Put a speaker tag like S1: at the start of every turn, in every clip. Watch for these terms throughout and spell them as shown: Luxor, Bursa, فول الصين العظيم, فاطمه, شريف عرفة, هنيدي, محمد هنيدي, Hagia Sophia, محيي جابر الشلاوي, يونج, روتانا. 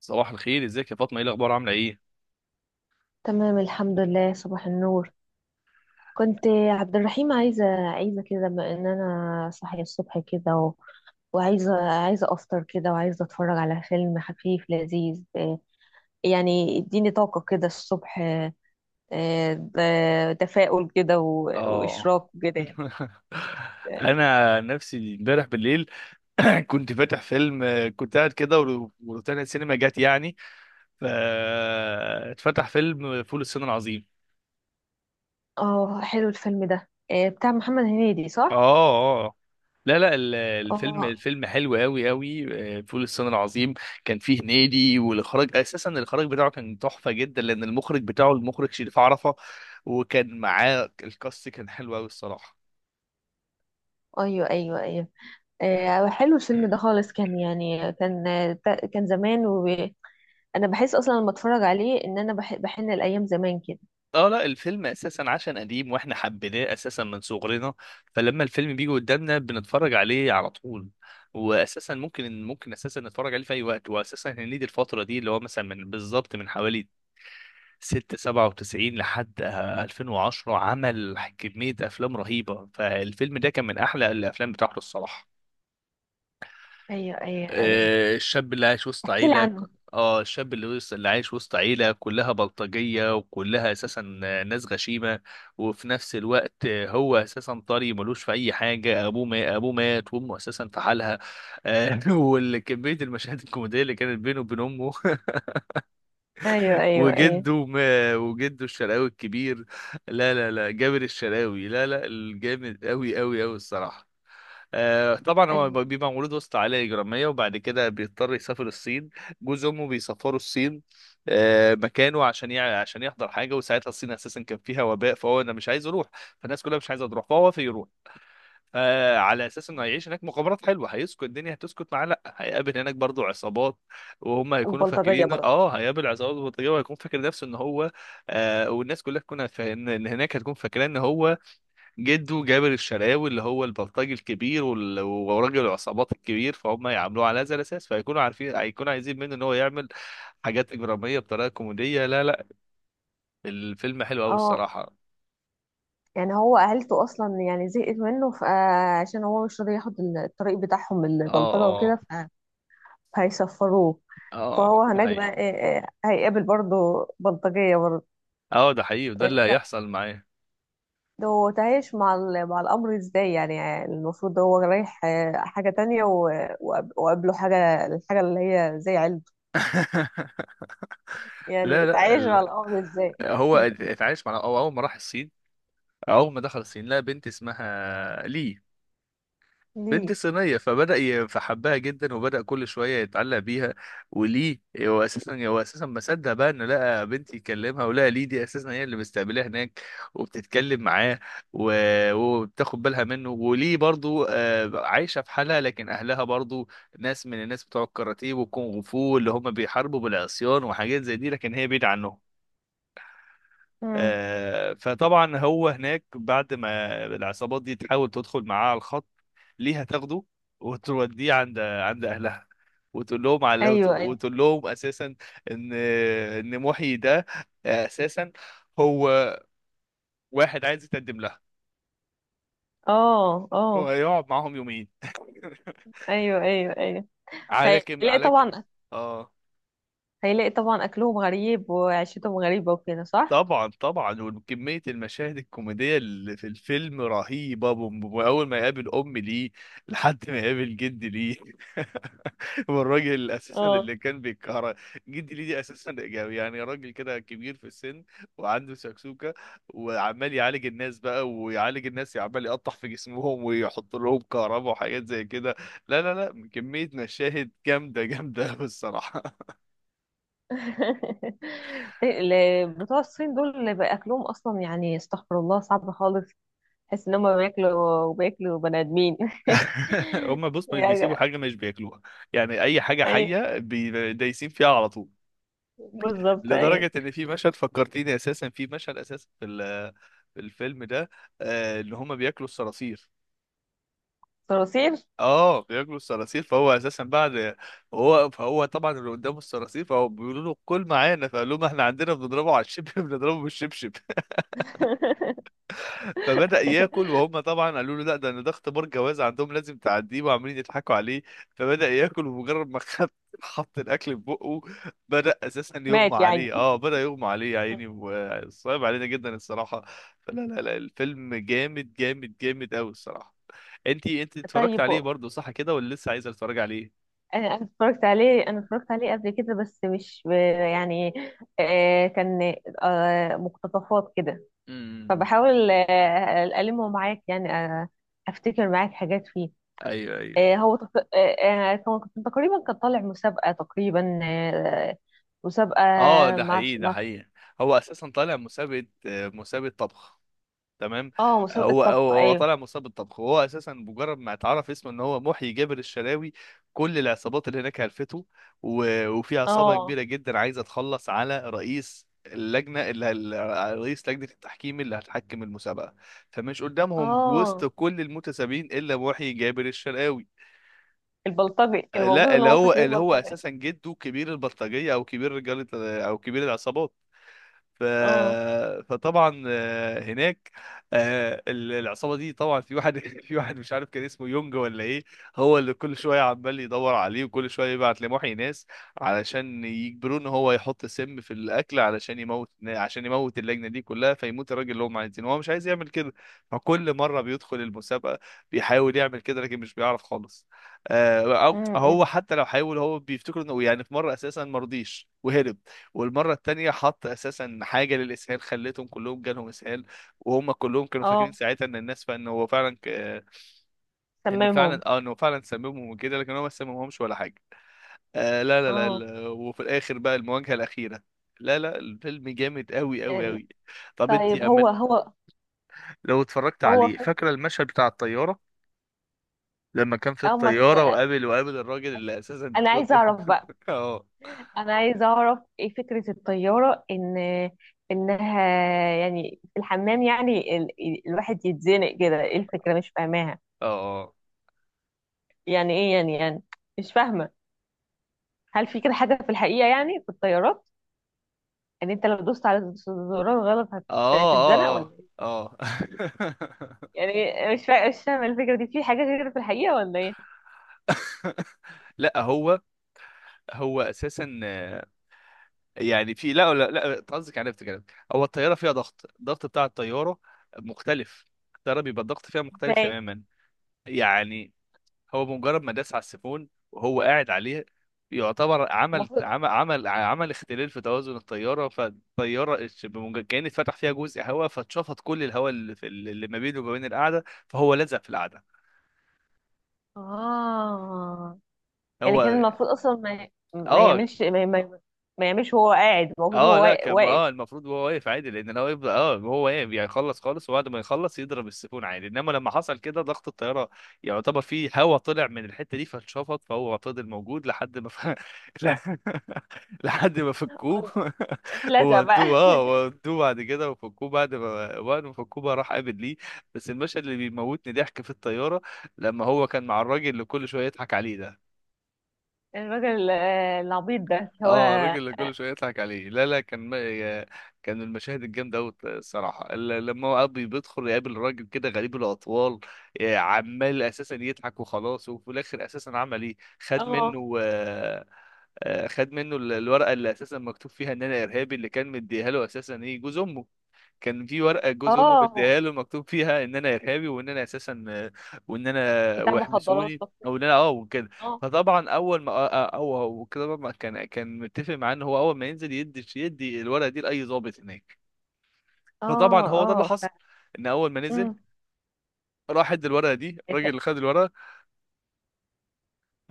S1: صباح الخير، ازيك يا فاطمه؟ ايه الاخبار، عامله ايه؟
S2: تمام الحمد لله، صباح النور. كنت عبد الرحيم عايزة كده بما ان انا صاحية الصبح كده. وعايزة افطر كده وعايزة اتفرج على فيلم خفيف لذيذ، يعني اديني طاقة كده الصبح. تفاؤل كده و...
S1: اه.
S2: واشراق كده يعني.
S1: انا نفسي امبارح بالليل. كنت فاتح فيلم، كنت قاعد كده وروتانا السينما جت يعني، ف اتفتح فيلم فول الصين العظيم.
S2: اه. حلو الفيلم ده، بتاع محمد هنيدي
S1: اه
S2: صح؟
S1: اه. لا لا، الفيلم
S2: اه.
S1: الفيلم حلو قوي قوي. فول الصين العظيم كان فيه هنيدي، والاخراج اساسا الاخراج بتاعه كان تحفه جدا، لان المخرج بتاعه المخرج شريف عرفة، وكان معاه الكاست كان حلو قوي الصراحه.
S2: ايوه ايوه ايوه. حلو الفيلم ده خالص، كان يعني كان، كان زمان. انا بحس اصلا لما اتفرج عليه ان انا بحن الايام زمان كده.
S1: اه، لا الفيلم اساسا عشان قديم واحنا حبيناه اساسا من صغرنا، فلما الفيلم بيجي قدامنا بنتفرج عليه على طول. واساسا ممكن اساسا نتفرج عليه في اي وقت، واساسا هنيدي الفتره دي اللي هو مثلا من بالظبط من حوالي 6 97 لحد 2010 عمل كميه افلام رهيبه، فالفيلم ده كان من احلى الافلام بتاعته الصراحه.
S2: ايوه ايوه ايوه.
S1: الشاب اللي عايش وسط
S2: احكي لي
S1: عيلة.
S2: عنه.
S1: اه، الشاب اللي عايش وسط عيلة كلها بلطجية وكلها اساسا ناس غشيمة، وفي نفس الوقت هو اساسا طري ملوش في اي حاجة، ابوه ما ابوه مات، وامه اساسا في حالها. والكمية المشاهد الكوميدية اللي كانت بينه وبين امه.
S2: ايوه ايوه ايوه
S1: وجده الشرقاوي الكبير. لا لا لا، جابر الشرقاوي، لا لا، الجامد قوي قوي قوي الصراحة. طبعا هو
S2: ايوه.
S1: بيبقى مولود وسط عائلة إجرامية، وبعد كده بيضطر يسافر الصين. جوز أمه بيسافروا الصين، مكانه عشان عشان يحضر حاجة. وساعتها الصين أساسا كان فيها وباء، فهو أنا مش عايز أروح. فالناس كلها مش عايزة تروح، فهو وافق يروح على أساس إنه هيعيش هناك مغامرات حلوة. هيسكت الدنيا هتسكت معاه؟ لأ، هيقابل هناك برضو عصابات. وهم هيكونوا
S2: وبلطجية
S1: فاكرين
S2: برضه.
S1: أه هيقابل عصابات بطيئة، وهيكون فاكر نفسه إن هو والناس كلها تكون إن هناك هتكون فاكرة إن هو جده جابر الشرقاوي اللي هو البلطجي الكبير، وراجل العصابات الكبير. فهم يعاملوه على هذا الاساس، فيكونوا عارفين هيكونوا عايزين منه ان هو يعمل حاجات اجراميه بطريقه كوميديه. لا لا، الفيلم حلو قوي
S2: اه.
S1: الصراحه.
S2: يعني هو عيلته اصلا يعني زهقت منه فعشان هو مش راضي ياخد الطريق بتاعهم
S1: اه
S2: البلطجه
S1: اه.
S2: وكده، فهيسفروه. فهو
S1: اه ده
S2: هناك بقى
S1: حقيقي.
S2: إيه، إيه هيقابل برضه بلطجيه برضه؟
S1: اه ده حقيقي، وده اللي
S2: إيه طب،
S1: هيحصل معاه.
S2: ده هو تعايش مع مع الامر ازاي يعني؟ يعني المفروض ده هو رايح حاجه تانية و- وقاب- وقابله حاجه، الحاجه اللي هي زي عيلته
S1: لا
S2: يعني.
S1: لا،
S2: تعيش على الأرض ازاي؟
S1: هو اتعايش مع أو اول ما راح الصين. اول ما دخل الصين لقى بنت اسمها لي،
S2: دي.
S1: بنت صينية. فحبها جدا، وبدأ كل شوية يتعلق بيها. وليه هو أساسا ما صدق بقى إنه لقى بنت يكلمها، ولقى ليه دي أساسا هي اللي مستقبلاه هناك، وبتتكلم معاه، وبتاخد بالها منه. وليه برضو عايشة في حالها، لكن أهلها برضو ناس من الناس بتوع الكاراتيه والكونغ فو، اللي هم بيحاربوا بالعصيان وحاجات زي دي، لكن هي بعيدة عنهم.
S2: مم.
S1: فطبعا هو هناك بعد ما العصابات دي تحاول تدخل معاه على الخط، ليه هتاخده وتوديه عند اهلها، وتقول لهم على
S2: ايوه ايوه.
S1: وتقول لهم اساسا ان محيي ده اساسا هو واحد عايز يتقدم لها،
S2: اه اه.
S1: وهيقعد معاهم يومين.
S2: ايوه ايوه ايوه. هيلاقي
S1: على كم.
S2: طبعا.
S1: اه،
S2: هيلاقي طبعا اكلهم غريب وعيشتهم غريبه وكده صح.
S1: طبعا طبعا، وكمية المشاهد الكوميدية اللي في الفيلم رهيبة. وأول ما يقابل أم ليه لحد ما يقابل جد ليه. والراجل أساسا
S2: اه.
S1: اللي كان بيكهرب، جد ليه دي أساسا يعني راجل كده كبير في السن وعنده سكسوكة، وعمال يعالج الناس بقى، ويعالج الناس عمال يقطع في جسمهم ويحط لهم كهرباء وحاجات زي كده. لا لا لا، كمية مشاهد جامدة جامدة أوي الصراحة.
S2: بتوع الصين دول اللي بقى اكلهم اصلا يعني، استغفر الله، صعب خالص. تحس ان هم بياكلوا وبياكلوا بني ادمين.
S1: هم بص مش بيسيبوا
S2: يعني.
S1: حاجه مش بياكلوها. يعني اي حاجه
S2: ايوه،
S1: حيه دايسين فيها على طول.
S2: بالظبط ايوه.
S1: لدرجه ان في مشهد فكرتيني اساسا، في مشهد اساسا في في الفيلم ده ان هم بياكلوا الصراصير.
S2: صراصير.
S1: اه، بياكلوا الصراصير، فهو اساسا بعد فهو طبعا اللي قدامه الصراصير، فهو بيقولوا له كل معانا، فقال لهم احنا عندنا بنضربه على الشبشب. بنضربه بالشبشب. فبدأ ياكل، وهم طبعا قالوا له لا، ده انا ده اختبار جواز عندهم لازم تعديه، وعمالين يضحكوا عليه. فبدأ ياكل، ومجرد ما خد حط الاكل في بقه بدأ اساسا يغمى
S2: مات يعني؟
S1: عليه. اه بدأ يغمى عليه يا عيني، وصعب علينا جدا الصراحة. فلا لا لا الفيلم جامد جامد جامد قوي الصراحة. انت اتفرجت
S2: طيب،
S1: عليه برضه صح كده، ولا لسه عايزه تتفرج عليه؟
S2: انا اتفرجت عليه قبل كده بس مش ب- يعني، كان مقتطفات كده.
S1: امم
S2: فبحاول ألمه معاك يعني، افتكر معاك حاجات فيه.
S1: ايوه ايوه.
S2: آه، هو تق- آه، آه، كان كان تقريبا كان طالع مسابقة تقريبا، مسابقة،
S1: اه ده
S2: مع
S1: حقيقي ده
S2: مع
S1: حقيقي. هو اساسا طالع مسابقة مسابقة طبخ. تمام.
S2: اه، مسابقة
S1: هو
S2: طبخ
S1: هو هو
S2: ايوه.
S1: طالع مصاب بالطبخ، وهو اساسا مجرد ما اتعرف اسمه ان هو محيي جابر الشلاوي، كل العصابات اللي هناك هلفته. وفي عصابه
S2: اه
S1: كبيره جدا عايزه تخلص على رئيس اللجنه، رئيس لجنه التحكيم اللي هتحكم المسابقه. فمش قدامهم وسط
S2: اه.
S1: كل المتسابقين الا محيي جابر الشلاوي.
S2: البلطجي، المفروض
S1: لا،
S2: ان هو فاكرين
S1: اللي هو
S2: بلطجي.
S1: اساسا جده كبير البلطجيه او كبير رجال او كبير العصابات. ف...
S2: اه.
S1: فطبعا هناك العصابه دي طبعا في واحد، في واحد مش عارف كان اسمه يونج ولا ايه، هو اللي كل شويه عمال يدور عليه. وكل شويه يبعت لمحي ناس علشان يجبروه ان هو يحط سم في الاكل، علشان يموت، عشان يموت اللجنه دي كلها، فيموت الراجل اللي هم عايزينه. هو مش عايز يعمل كده، فكل مره بيدخل المسابقه بيحاول يعمل كده لكن مش بيعرف خالص.
S2: م-
S1: هو
S2: م.
S1: حتى لو حاول هو بيفتكر انه يعني. في مره اساسا مرضيش وهرب، والمرة التانية حط أساسا حاجة للإسهال خلتهم كلهم جالهم إسهال. وهم كلهم كانوا فاكرين
S2: اه،
S1: ساعتها إن الناس فإن هو فعلا إن فعلا
S2: سممهم.
S1: آه إن هو فعلا سممهم وكده، لكن هو ما سممهمش ولا حاجة. آه لا لا لا،
S2: اه.
S1: وفي الآخر بقى المواجهة الأخيرة. لا لا، الفيلم جامد أوي أوي
S2: ال-
S1: أوي. طب أنت
S2: طيب،
S1: يا
S2: هو
S1: أمل
S2: هو
S1: لو اتفرجت
S2: هو
S1: عليه
S2: فز.
S1: فاكرة المشهد بتاع الطيارة؟ لما كان في
S2: او ما ت...
S1: الطيارة وقابل الراجل اللي أساسا
S2: انا عايزه اعرف بقى،
S1: آه
S2: انا عايزه اعرف ايه فكره الطياره، ان انها يعني في الحمام يعني، الواحد يتزنق كده، ايه الفكره مش فاهماها.
S1: آه
S2: يعني ايه يعني يعني، مش فاهمه. هل في كده حاجه في الحقيقه يعني في الطيارات؟ يعني انت لو دوست على الزرار غلط هتتزنق ولا
S1: آه
S2: ايه؟
S1: آه آه
S2: يعني مش فاهمه الفكره دي، في حاجه كده في الحقيقه ولا ايه؟
S1: آه. لا، هو هو اساسا يعني في، لا لا لا، أنت قصدك عرفت كده. هو الطياره فيها ضغط، الضغط بتاع الطياره مختلف، الطياره بيبقى الضغط فيها مختلف
S2: ازاي؟
S1: تماما. يعني هو بمجرد ما داس على السيفون وهو قاعد عليه، يعتبر عمل
S2: المفروض،
S1: عمل عمل عمل اختلال في توازن الطياره. فالطياره كان اتفتح فيها جزء هواء، فاتشفط كل الهواء اللي في، اللي ما بينه وما بين القاعده، فهو لزق في القاعده.
S2: اه يعني كان
S1: هو
S2: المفروض اصلا ما، ما
S1: اه
S2: يعملش ما, ما, ما يعملش. هو قاعد، المفروض
S1: اه،
S2: هو
S1: لا كان
S2: واقف.
S1: اه المفروض وهو واقف عادي. لان لو يفضل اه وهو واقف يعني يخلص خالص، وبعد ما يخلص يضرب السيفون عادي. انما لما حصل كده ضغط الطياره يعتبر فيه هوا طلع من الحته دي فاتشفط، فهو فضل موجود لحد ما لا- لحد ما فكوه.
S2: اتلزق بقى.
S1: وودوه اه وودوه بعد كده، وفكوه بعد ما وقت ما فكوه بقى راح قابل ليه. بس المشهد اللي بيموتني ضحك في الطياره لما هو كان مع الراجل اللي كل شويه يضحك عليه ده.
S2: الراجل العبيط ده اللي هو.
S1: اه الراجل اللي كل شويه يضحك عليه. لا لا، كان ما... يا- كان المشاهد الجامده قوي الصراحه لما هو ابي بيدخل يقابل راجل كده غريب الاطوال. عمال اساسا يضحك وخلاص. وفي الاخر اساسا عمل ايه، خد
S2: اه.
S1: منه خد منه الورقه اللي اساسا مكتوب فيها ان انا ارهابي، اللي كان مديها له اساسا ايه جوز امه. كان في ورقه جوز امه
S2: اه.
S1: مديها له مكتوب فيها ان انا ارهابي، وان انا اساسا وان انا
S2: بتاع مخدرات
S1: واحبسوني
S2: تصنيف.
S1: او ان انا اه وكده.
S2: اه
S1: فطبعا اول ما او هو كده طبعاً كان متفق معاه ان هو اول ما ينزل يدي الورقه دي لاي ضابط هناك. فطبعا
S2: اه
S1: هو ده اللي
S2: اه. ف.
S1: حصل، ان اول ما نزل
S2: مم.
S1: راح ادى الورقه دي. الراجل
S2: إد.
S1: اللي خد الورقه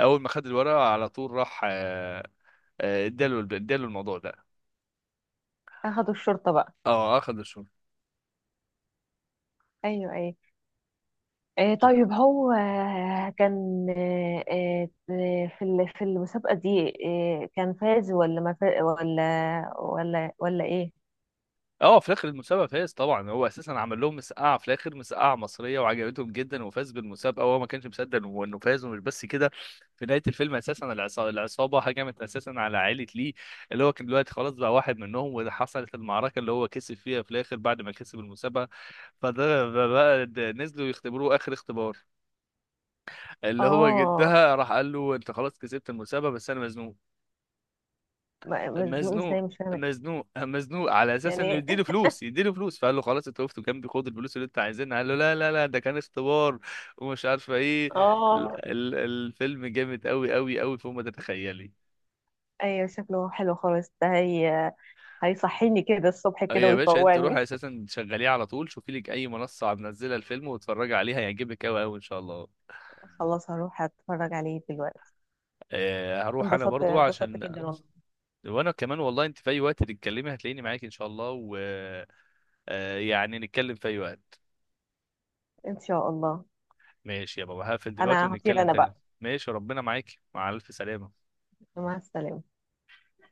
S1: اول ما خد الورقه على طول راح اداله الموضوع ده.
S2: اخدوا الشرطة بقى؟
S1: اه اخذ الشغل.
S2: ايوه ايوه. طيب هو آه، كان آه، آه، في في المسابقة دي، كان فاز ولا ما فاز، ولا ايه؟
S1: اه في اخر المسابقه فاز طبعا، هو اساسا عمل لهم مسقعه في الاخر، مسقعه مصريه وعجبتهم جدا وفاز بالمسابقه، وهو ما كانش مصدق إنه فاز. ومش بس كده، في نهايه الفيلم اساسا العصابه هجمت اساسا على عائله ليه، اللي هو كان دلوقتي خلاص بقى واحد منهم. وحصلت المعركه اللي هو كسب فيها في الاخر بعد ما كسب المسابقه. فده ده بقى، ده نزلوا يختبروه اخر اختبار. اللي هو
S2: اه.
S1: جدها راح قال له انت خلاص كسبت المسابقه بس انا مزنوق. مزنوق
S2: ازاي؟ مش فاهمة
S1: مزنوق مزنوق على اساس انه
S2: يعني.
S1: يديله فلوس يديله فلوس. فقال له خلاص انت وقفت جنبي، خد الفلوس اللي انت عايزينها. قال له لا لا لا ده كان اختبار ومش عارفه ايه.
S2: اه.
S1: الفيلم جامد قوي قوي قوي فوق ما تتخيلي.
S2: ايوه، شكله حلو خالص ده، هي هيصحيني كده الصبح
S1: آه
S2: كده
S1: يا باشا انت روح
S2: ويفوقني.
S1: اساسا شغليه على طول، شوفي لك اي منصه منزله الفيلم واتفرجي عليها، هيعجبك قوي قوي ان شاء الله.
S2: خلاص هروح اتفرج عليه دلوقتي.
S1: هروح انا
S2: انبسطت
S1: برضو
S2: انبسطت
S1: عشان.
S2: جدا والله.
S1: وانا كمان والله، انت في اي وقت تتكلمي هتلاقيني معاك ان شاء الله، ويعني نتكلم في اي وقت.
S2: ان شاء الله.
S1: ماشي يا بابا، هقفل دلوقتي
S2: انا هطير
S1: ونتكلم
S2: انا
S1: تاني.
S2: بقى.
S1: ماشي ربنا معاك، مع ألف سلامة.
S2: مع السلامة.